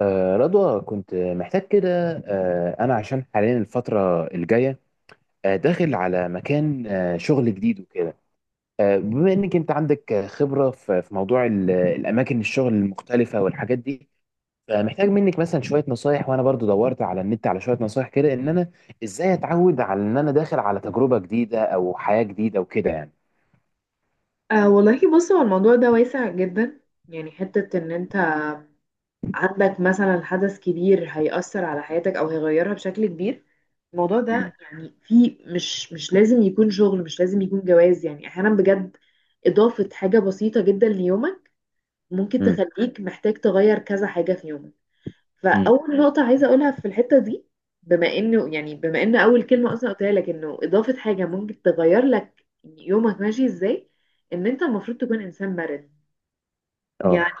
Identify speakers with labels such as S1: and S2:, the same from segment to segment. S1: رضوى، كنت محتاج كده. أنا عشان حاليا الفترة الجاية داخل على مكان شغل جديد وكده. بما إنك أنت عندك، خبرة في موضوع الأماكن الشغل المختلفة والحاجات دي. فمحتاج منك مثلا شوية نصايح. وأنا برضو دورت على النت على شوية نصايح كده، إن أنا إزاي أتعود على إن أنا داخل على تجربة جديدة أو حياة جديدة وكده يعني.
S2: أه، والله بص، هو الموضوع ده واسع جدا. يعني حتة ان انت عندك مثلا حدث كبير هيأثر على حياتك او هيغيرها بشكل كبير. الموضوع
S1: مم.
S2: ده يعني في مش لازم يكون شغل، مش لازم يكون جواز. يعني احيانا بجد اضافة حاجة بسيطة جدا ليومك ممكن
S1: مم.
S2: تخليك محتاج تغير كذا حاجة في يومك.
S1: مم.
S2: فاول نقطة عايزة اقولها في الحتة دي، بما انه يعني بما ان اول كلمة اصلا قلتها لك انه اضافة حاجة ممكن تغير لك يومك ماشي ازاي، ان انت المفروض تكون انسان مرن.
S1: أه،
S2: يعني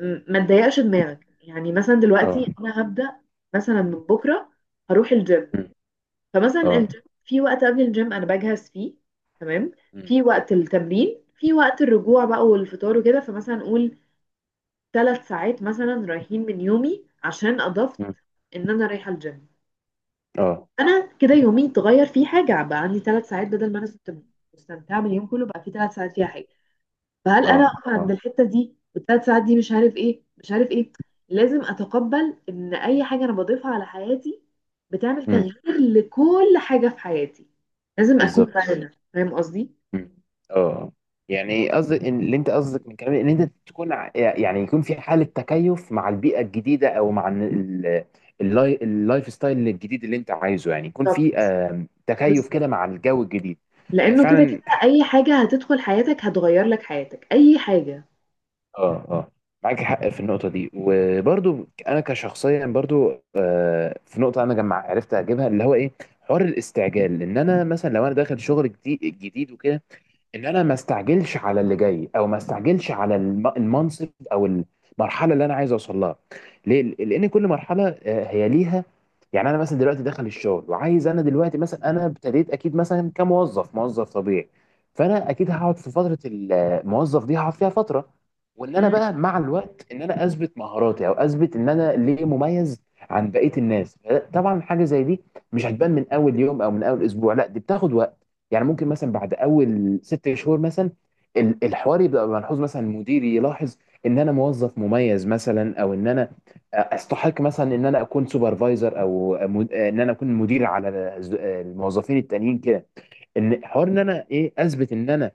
S2: ما تضيقش دماغك. يعني مثلا
S1: أه.
S2: دلوقتي انا هبدأ مثلا من بكرة هروح الجيم.
S1: مم.
S2: فمثلا
S1: أه.
S2: الجيم، في وقت قبل الجيم انا بجهز فيه، تمام،
S1: مم.
S2: في وقت التمرين، في وقت الرجوع بقى والفطار وكده. فمثلا نقول ثلاث ساعات مثلا رايحين من يومي عشان اضفت
S1: مم.
S2: ان انا رايحة الجيم.
S1: أه،
S2: انا كده يومي اتغير، فيه حاجة بقى عندي ثلاث ساعات بدل ما انا كنت مستمتعة باليوم كله بقى في ثلاث ساعات فيها حاجة. فهل انا
S1: أه،
S2: اقف عند
S1: أه.
S2: الحته دي والثلاث ساعات دي مش عارف ايه مش عارف ايه؟ لازم اتقبل ان اي حاجه انا بضيفها على حياتي بتعمل
S1: مم.
S2: تغيير لكل حاجه في حياتي. لازم اكون
S1: بالظبط.
S2: فاهمه، فاهم قصدي؟
S1: مم. اه. يعني قصدك اللي انت قصدك من كلامي ان انت تكون يعني يكون في حاله تكيف مع البيئه الجديده، او مع إن اللايف ستايل الجديد اللي انت عايزه، يعني يكون في
S2: بالظبط،
S1: تكيف
S2: بالظبط.
S1: كده مع الجو الجديد. هي
S2: لانه كده
S1: فعلا.
S2: كده اي حاجه هتدخل حياتك هتغير لك حياتك، اي حاجه.
S1: اه، اه، معاك حق في النقطة دي. وبرضو أنا كشخصيا برضو، في نقطة أنا جمع عرفت أجيبها، اللي هو إيه، حوار الاستعجال. إن أنا مثلا لو أنا داخل شغل جديد جديد وكده، ان انا ما استعجلش على اللي جاي، او ما استعجلش على المنصب او المرحله اللي انا عايز اوصل لها. ليه؟ لان كل مرحله هي ليها. يعني انا مثلا دلوقتي داخل الشغل وعايز، انا دلوقتي مثلا انا ابتديت اكيد مثلا كموظف موظف طبيعي. فانا اكيد هقعد في فتره الموظف دي، هقعد فيها فتره. وان انا
S2: مم.
S1: بقى مع الوقت ان انا اثبت مهاراتي، او اثبت ان انا ليه مميز عن بقيه الناس. طبعا حاجه زي دي مش هتبان من اول يوم او من اول اسبوع، لا دي بتاخد وقت. يعني ممكن مثلا بعد اول 6 شهور مثلا، الحوار يبقى ملحوظ، مثلا مديري يلاحظ ان انا موظف مميز مثلا، او ان انا استحق مثلا ان انا اكون سوبرفايزر، او ان انا اكون مدير على الموظفين التانيين كده. ان حوار ان انا ايه، اثبت ان انا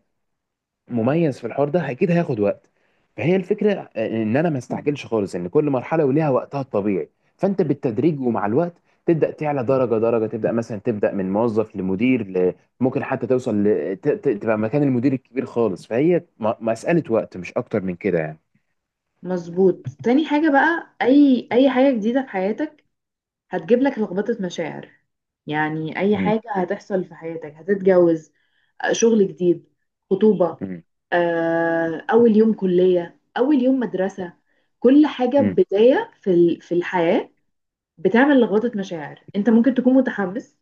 S1: مميز في الحوار ده اكيد هياخد وقت. فهي الفكره، ان انا ما استعجلش خالص، ان كل مرحله وليها وقتها الطبيعي. فانت بالتدريج ومع الوقت تبدا تعلى درجه درجه، تبدا من موظف لمدير ممكن حتى توصل تبقى مكان المدير الكبير خالص. فهي مساله وقت مش اكتر من كده يعني.
S2: مظبوط. تاني حاجة بقى، أي حاجة جديدة في حياتك هتجيب لك لخبطة مشاعر. يعني أي
S1: امم.
S2: حاجة هتحصل في حياتك، هتتجوز، شغل جديد، خطوبة،
S1: امم.
S2: أول يوم كلية، أول يوم مدرسة، كل حاجة
S1: امم.
S2: بداية في في الحياة بتعمل لخبطة مشاعر. أنت ممكن تكون متحمس،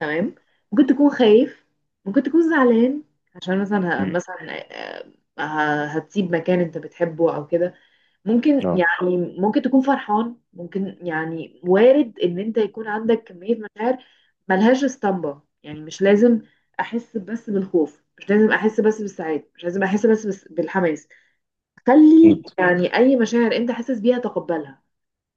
S2: تمام، ممكن تكون خايف، ممكن تكون زعلان، عشان مثلا
S1: امم.
S2: مثلا، آه، هتسيب مكان أنت بتحبه أو كده. ممكن
S1: اه.
S2: يعني ممكن تكون فرحان، ممكن يعني وارد ان انت يكون عندك كمية مشاعر ملهاش اسطمبة. يعني مش لازم احس بس بالخوف، مش لازم احس بس بالسعادة، مش لازم احس بس بالحماس. خلي
S1: اكيد.
S2: يعني اي مشاعر انت حاسس بيها تقبلها،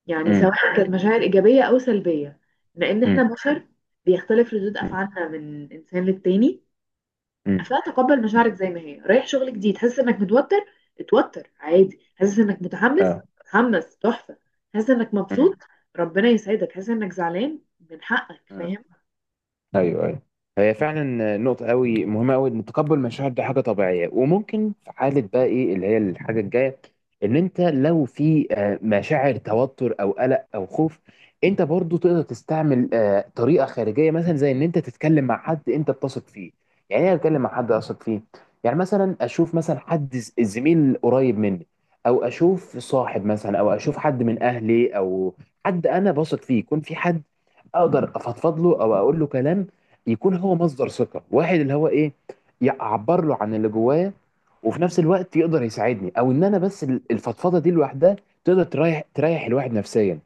S2: يعني
S1: امم.
S2: سواء كانت مشاعر ايجابية او سلبية، لان احنا
S1: امم.
S2: بشر، بيختلف ردود
S1: امم.
S2: افعالنا من انسان للتاني.
S1: امم.
S2: اصلا تقبل مشاعرك زي ما هي. رايح شغل جديد حاسس انك متوتر؟ اتوتر عادي. حاسس انك متحمس؟
S1: اه.
S2: اتحمس، تحفه. حاسس انك مبسوط؟ ربنا يسعدك. حاسس انك زعلان؟ من حقك،
S1: امم.
S2: فاهم؟
S1: ايوه، ايوه. هي فعلا نقطة قوي مهمة قوي، ان تقبل المشاعر دي حاجة طبيعية. وممكن في حالة بقى ايه اللي هي الحاجة الجاية، ان انت لو في مشاعر توتر او قلق او خوف، انت برضو تقدر تستعمل طريقة خارجية، مثلا زي ان انت تتكلم مع حد انت بتثق فيه. يعني ايه اتكلم مع حد اثق فيه؟ يعني مثلا اشوف مثلا حد زميل قريب مني، او اشوف صاحب مثلا، او اشوف حد من اهلي، او حد انا بثق فيه. يكون في حد اقدر افضفض له او اقول له كلام، يكون هو مصدر ثقه. واحد اللي هو ايه، يعبر له عن اللي جوايا، وفي نفس الوقت يقدر يساعدني. او ان انا بس الفضفضه دي لوحدها تقدر تريح الواحد نفسيا.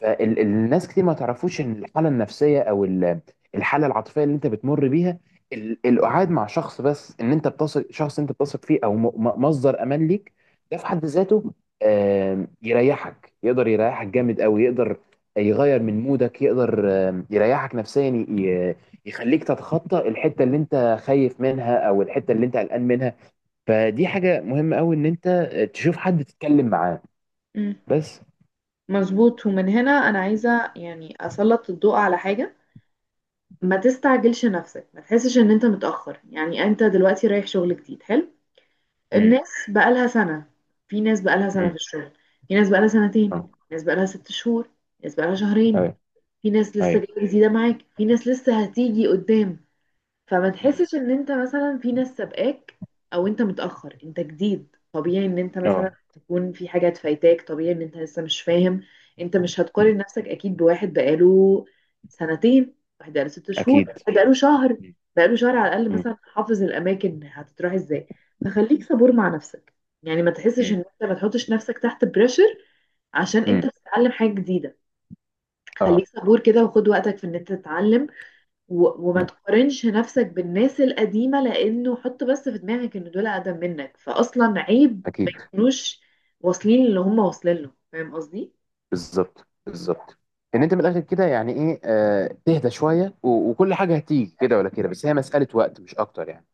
S1: فالناس كتير ما تعرفوش ان الحاله النفسيه، او الحاله العاطفيه اللي انت بتمر بيها، القعاد مع شخص، بس ان انت بتثق، شخص انت بتثق فيه او مصدر امان ليك، ده في حد ذاته يريحك. يقدر يريحك جامد قوي. يقدر يغير من مودك، يقدر يريحك نفسيا، يخليك تتخطى الحته اللي انت خايف منها، او الحته اللي انت قلقان منها. فدي حاجه مهمه قوي، ان انت تشوف حد تتكلم معاه
S2: مم.
S1: بس.
S2: مظبوط. ومن هنا انا عايزه يعني اسلط الضوء على حاجه: ما تستعجلش نفسك، ما تحسش ان انت متأخر. يعني انت دلوقتي رايح شغل جديد حلو،
S1: امم.
S2: الناس بقالها سنة، في ناس بقالها سنة
S1: امم.
S2: في الشغل، في ناس بقالها سنتين،
S1: اه.
S2: ناس بقالها ست شهور، ناس بقالها شهرين،
S1: ايوه.
S2: في ناس لسه
S1: أيوة.
S2: جايه جديده معاك، في ناس لسه هتيجي قدام. فما
S1: مم.
S2: تحسش ان انت مثلا في ناس سابقاك او انت متاخر. انت جديد، طبيعي ان انت مثلا
S1: اه.
S2: تكون في حاجات فايتاك، طبيعي ان انت لسه مش فاهم. انت مش
S1: مم.
S2: هتقارن نفسك اكيد بواحد بقاله سنتين، واحد بقاله ست شهور،
S1: اكيد.
S2: واحد بقاله شهر
S1: مم.
S2: بقاله شهر على الاقل
S1: مم.
S2: مثلا حافظ الاماكن هتتراح ازاي. فخليك صبور مع نفسك، يعني ما تحسش ان
S1: مم.
S2: انت، ما تحطش نفسك تحت بريشر عشان
S1: مم.
S2: انت بتتعلم حاجه جديده.
S1: اه.
S2: خليك صبور كده وخد وقتك في ان انت تتعلم، و... وما
S1: مم.
S2: تقارنش نفسك بالناس القديمة، لانه حط بس في دماغك ان دول اقدم منك، فاصلا عيب ما
S1: اكيد.
S2: يكونوش واصلين اللي هم واصلين له. فاهم قصدي؟
S1: بالظبط، بالظبط. ان انت من الاخر كده يعني ايه، تهدى شويه و- وكل حاجه هتيجي كده ولا كده، بس هي مساله وقت مش اكتر يعني.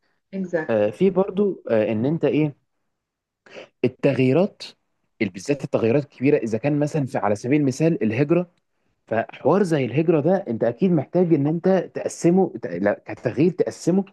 S2: exactly.
S1: في برضو ان انت ايه، التغييرات، بالذات التغييرات الكبيره، اذا كان مثلا في على سبيل المثال الهجره. فحوار زي الهجرة ده، انت اكيد محتاج ان انت تقسمه، لا، كتغيير تقسمه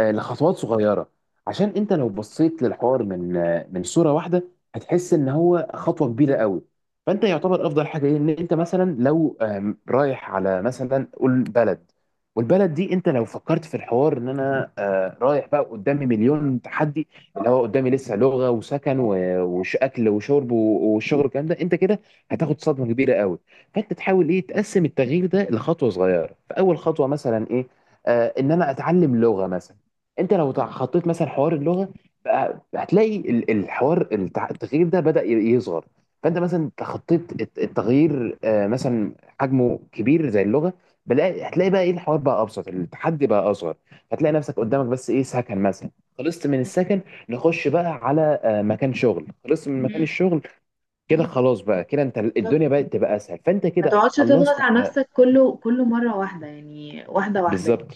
S1: لخطوات صغيرة. عشان انت لو بصيت للحوار من من صورة واحدة، هتحس ان هو خطوة كبيرة قوي. فانت يعتبر افضل حاجة ايه، ان انت مثلا لو رايح على مثلا قول بلد، والبلد دي انت لو فكرت في الحوار ان انا رايح بقى قدامي مليون تحدي، اللي هو قدامي لسه لغة وسكن و- وش اكل وشرب و- والشغل والكلام ده، انت كده هتاخد صدمة كبيرة قوي. فانت تحاول ايه، تقسم التغيير ده لخطوه صغيره. فاول خطوه مثلا ايه؟ ان انا اتعلم لغه مثلا. انت لو خطيت مثلا حوار اللغه، بقى هتلاقي الحوار التغيير ده بدأ يصغر. فانت مثلا خطيت التغيير مثلا حجمه كبير زي اللغه، هتلاقي بقى ايه، الحوار بقى ابسط، التحدي بقى اصغر. هتلاقي نفسك قدامك بس ايه، سكن مثلا. خلصت من السكن، نخش بقى على مكان شغل. خلصت من مكان
S2: مم.
S1: الشغل، كده خلاص. بقى كده انت
S2: بالظبط.
S1: الدنيا بقت تبقى اسهل، فانت
S2: ما
S1: كده
S2: تقعدش تضغط
S1: خلصت
S2: على
S1: على.
S2: نفسك كله، كله مرة واحدة، يعني واحدة واحدة.
S1: بالظبط،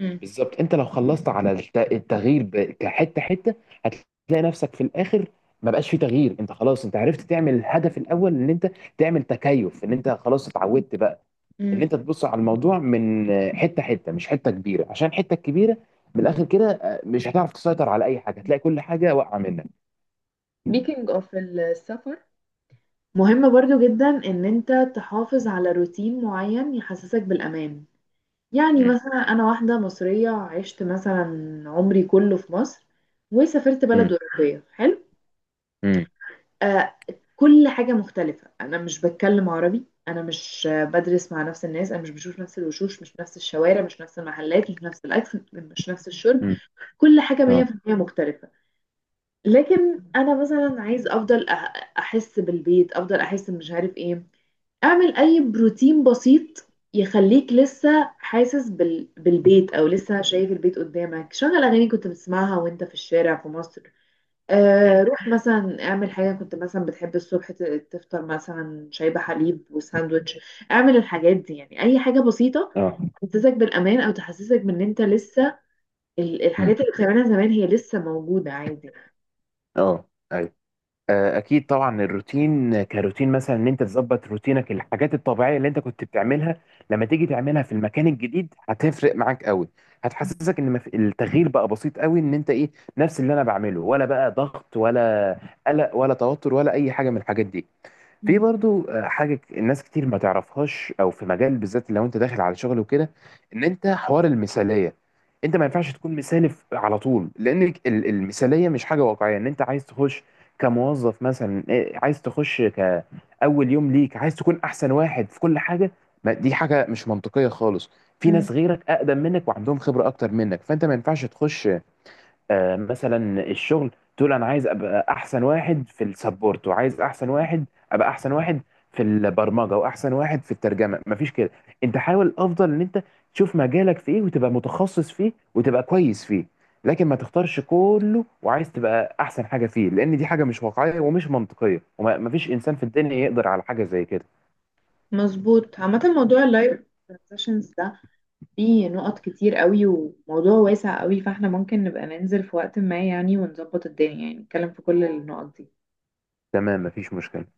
S2: مم.
S1: بالظبط. انت لو خلصت على التغيير كحته حته، هتلاقي نفسك في الاخر ما بقاش في تغيير. انت خلاص، انت عرفت تعمل الهدف الاول، ان انت تعمل تكيف. ان انت خلاص اتعودت بقى، ان
S2: مم.
S1: انت تبص على الموضوع من حته حته، مش حته كبيره. عشان الحته الكبيره من الاخر كده، مش هتعرف تسيطر على اي حاجه، هتلاقي كل حاجه واقعه منك.
S2: speaking of السفر، مهم برضو جدا ان انت تحافظ على روتين معين يحسسك بالامان. يعني
S1: امم.
S2: مثلا أنا واحدة مصرية عشت مثلا عمري كله في مصر وسافرت بلد أوروبية حلو.
S1: امم.
S2: آه، كل حاجة مختلفة، أنا مش بتكلم عربي، أنا مش بدرس مع نفس الناس، أنا مش بشوف نفس الوشوش، مش نفس الشوارع، مش نفس المحلات، مش نفس الأكل، مش نفس الشرب،
S1: امم.
S2: كل حاجة
S1: اه.
S2: 100% مختلفة. لكن أنا مثلا عايز أفضل أحس بالبيت، أفضل أحس مش عارف إيه. اعمل اي بروتين بسيط يخليك لسه حاسس بالبيت او لسه شايف البيت قدامك. شغل اغاني كنت بتسمعها وانت في الشارع في مصر، آه
S1: امم.
S2: روح مثلا اعمل حاجه كنت مثلا بتحب الصبح تفطر مثلا شاي بحليب وساندوتش. اعمل الحاجات دي، يعني اي حاجه بسيطه
S1: اه.
S2: تحسسك بالامان او تحسسك بان انت لسه
S1: امم.
S2: الحاجات اللي بتعملها زمان هي لسه موجوده عادي.
S1: اه. اكيد طبعا، الروتين كروتين مثلا، ان انت تظبط روتينك، الحاجات الطبيعيه اللي انت كنت بتعملها لما تيجي تعملها في المكان الجديد هتفرق معاك قوي. هتحسسك ان التغيير بقى بسيط قوي، ان انت ايه، نفس اللي انا بعمله ولا بقى ضغط، ولا قلق، ولا توتر، ولا اي حاجه من الحاجات دي. في
S2: مم.
S1: برضو حاجة الناس كتير ما تعرفهاش، او في مجال بالذات لو انت داخل على شغل وكده، ان انت حوار المثالية. انت ما ينفعش تكون مثالي على طول، لان المثالية مش حاجة واقعية. ان انت عايز تخش كموظف مثلا، إيه، عايز تخش كأول يوم ليك عايز تكون احسن واحد في كل حاجة، ما دي حاجة مش منطقية خالص. في
S2: مم.
S1: ناس غيرك اقدم منك وعندهم خبرة اكتر منك، فانت ما ينفعش تخش مثلا الشغل تقول انا عايز ابقى احسن واحد في السبورت، وعايز احسن واحد، ابقى احسن واحد في البرمجه، واحسن واحد في الترجمه. مفيش كده. انت حاول افضل ان انت تشوف مجالك في ايه، وتبقى متخصص فيه وتبقى كويس فيه. لكن ما تختارش كله وعايز تبقى احسن حاجه فيه، لان دي حاجه مش واقعيه ومش منطقيه، ومفيش انسان في الدنيا يقدر على حاجه زي كده.
S2: مظبوط. عامة موضوع اللايف سيشنز ده، في نقط كتير قوي وموضوع واسع قوي، فاحنا ممكن نبقى ننزل في وقت ما يعني ونظبط الدنيا يعني نتكلم في كل النقط دي.
S1: تمام، مفيش مشكله.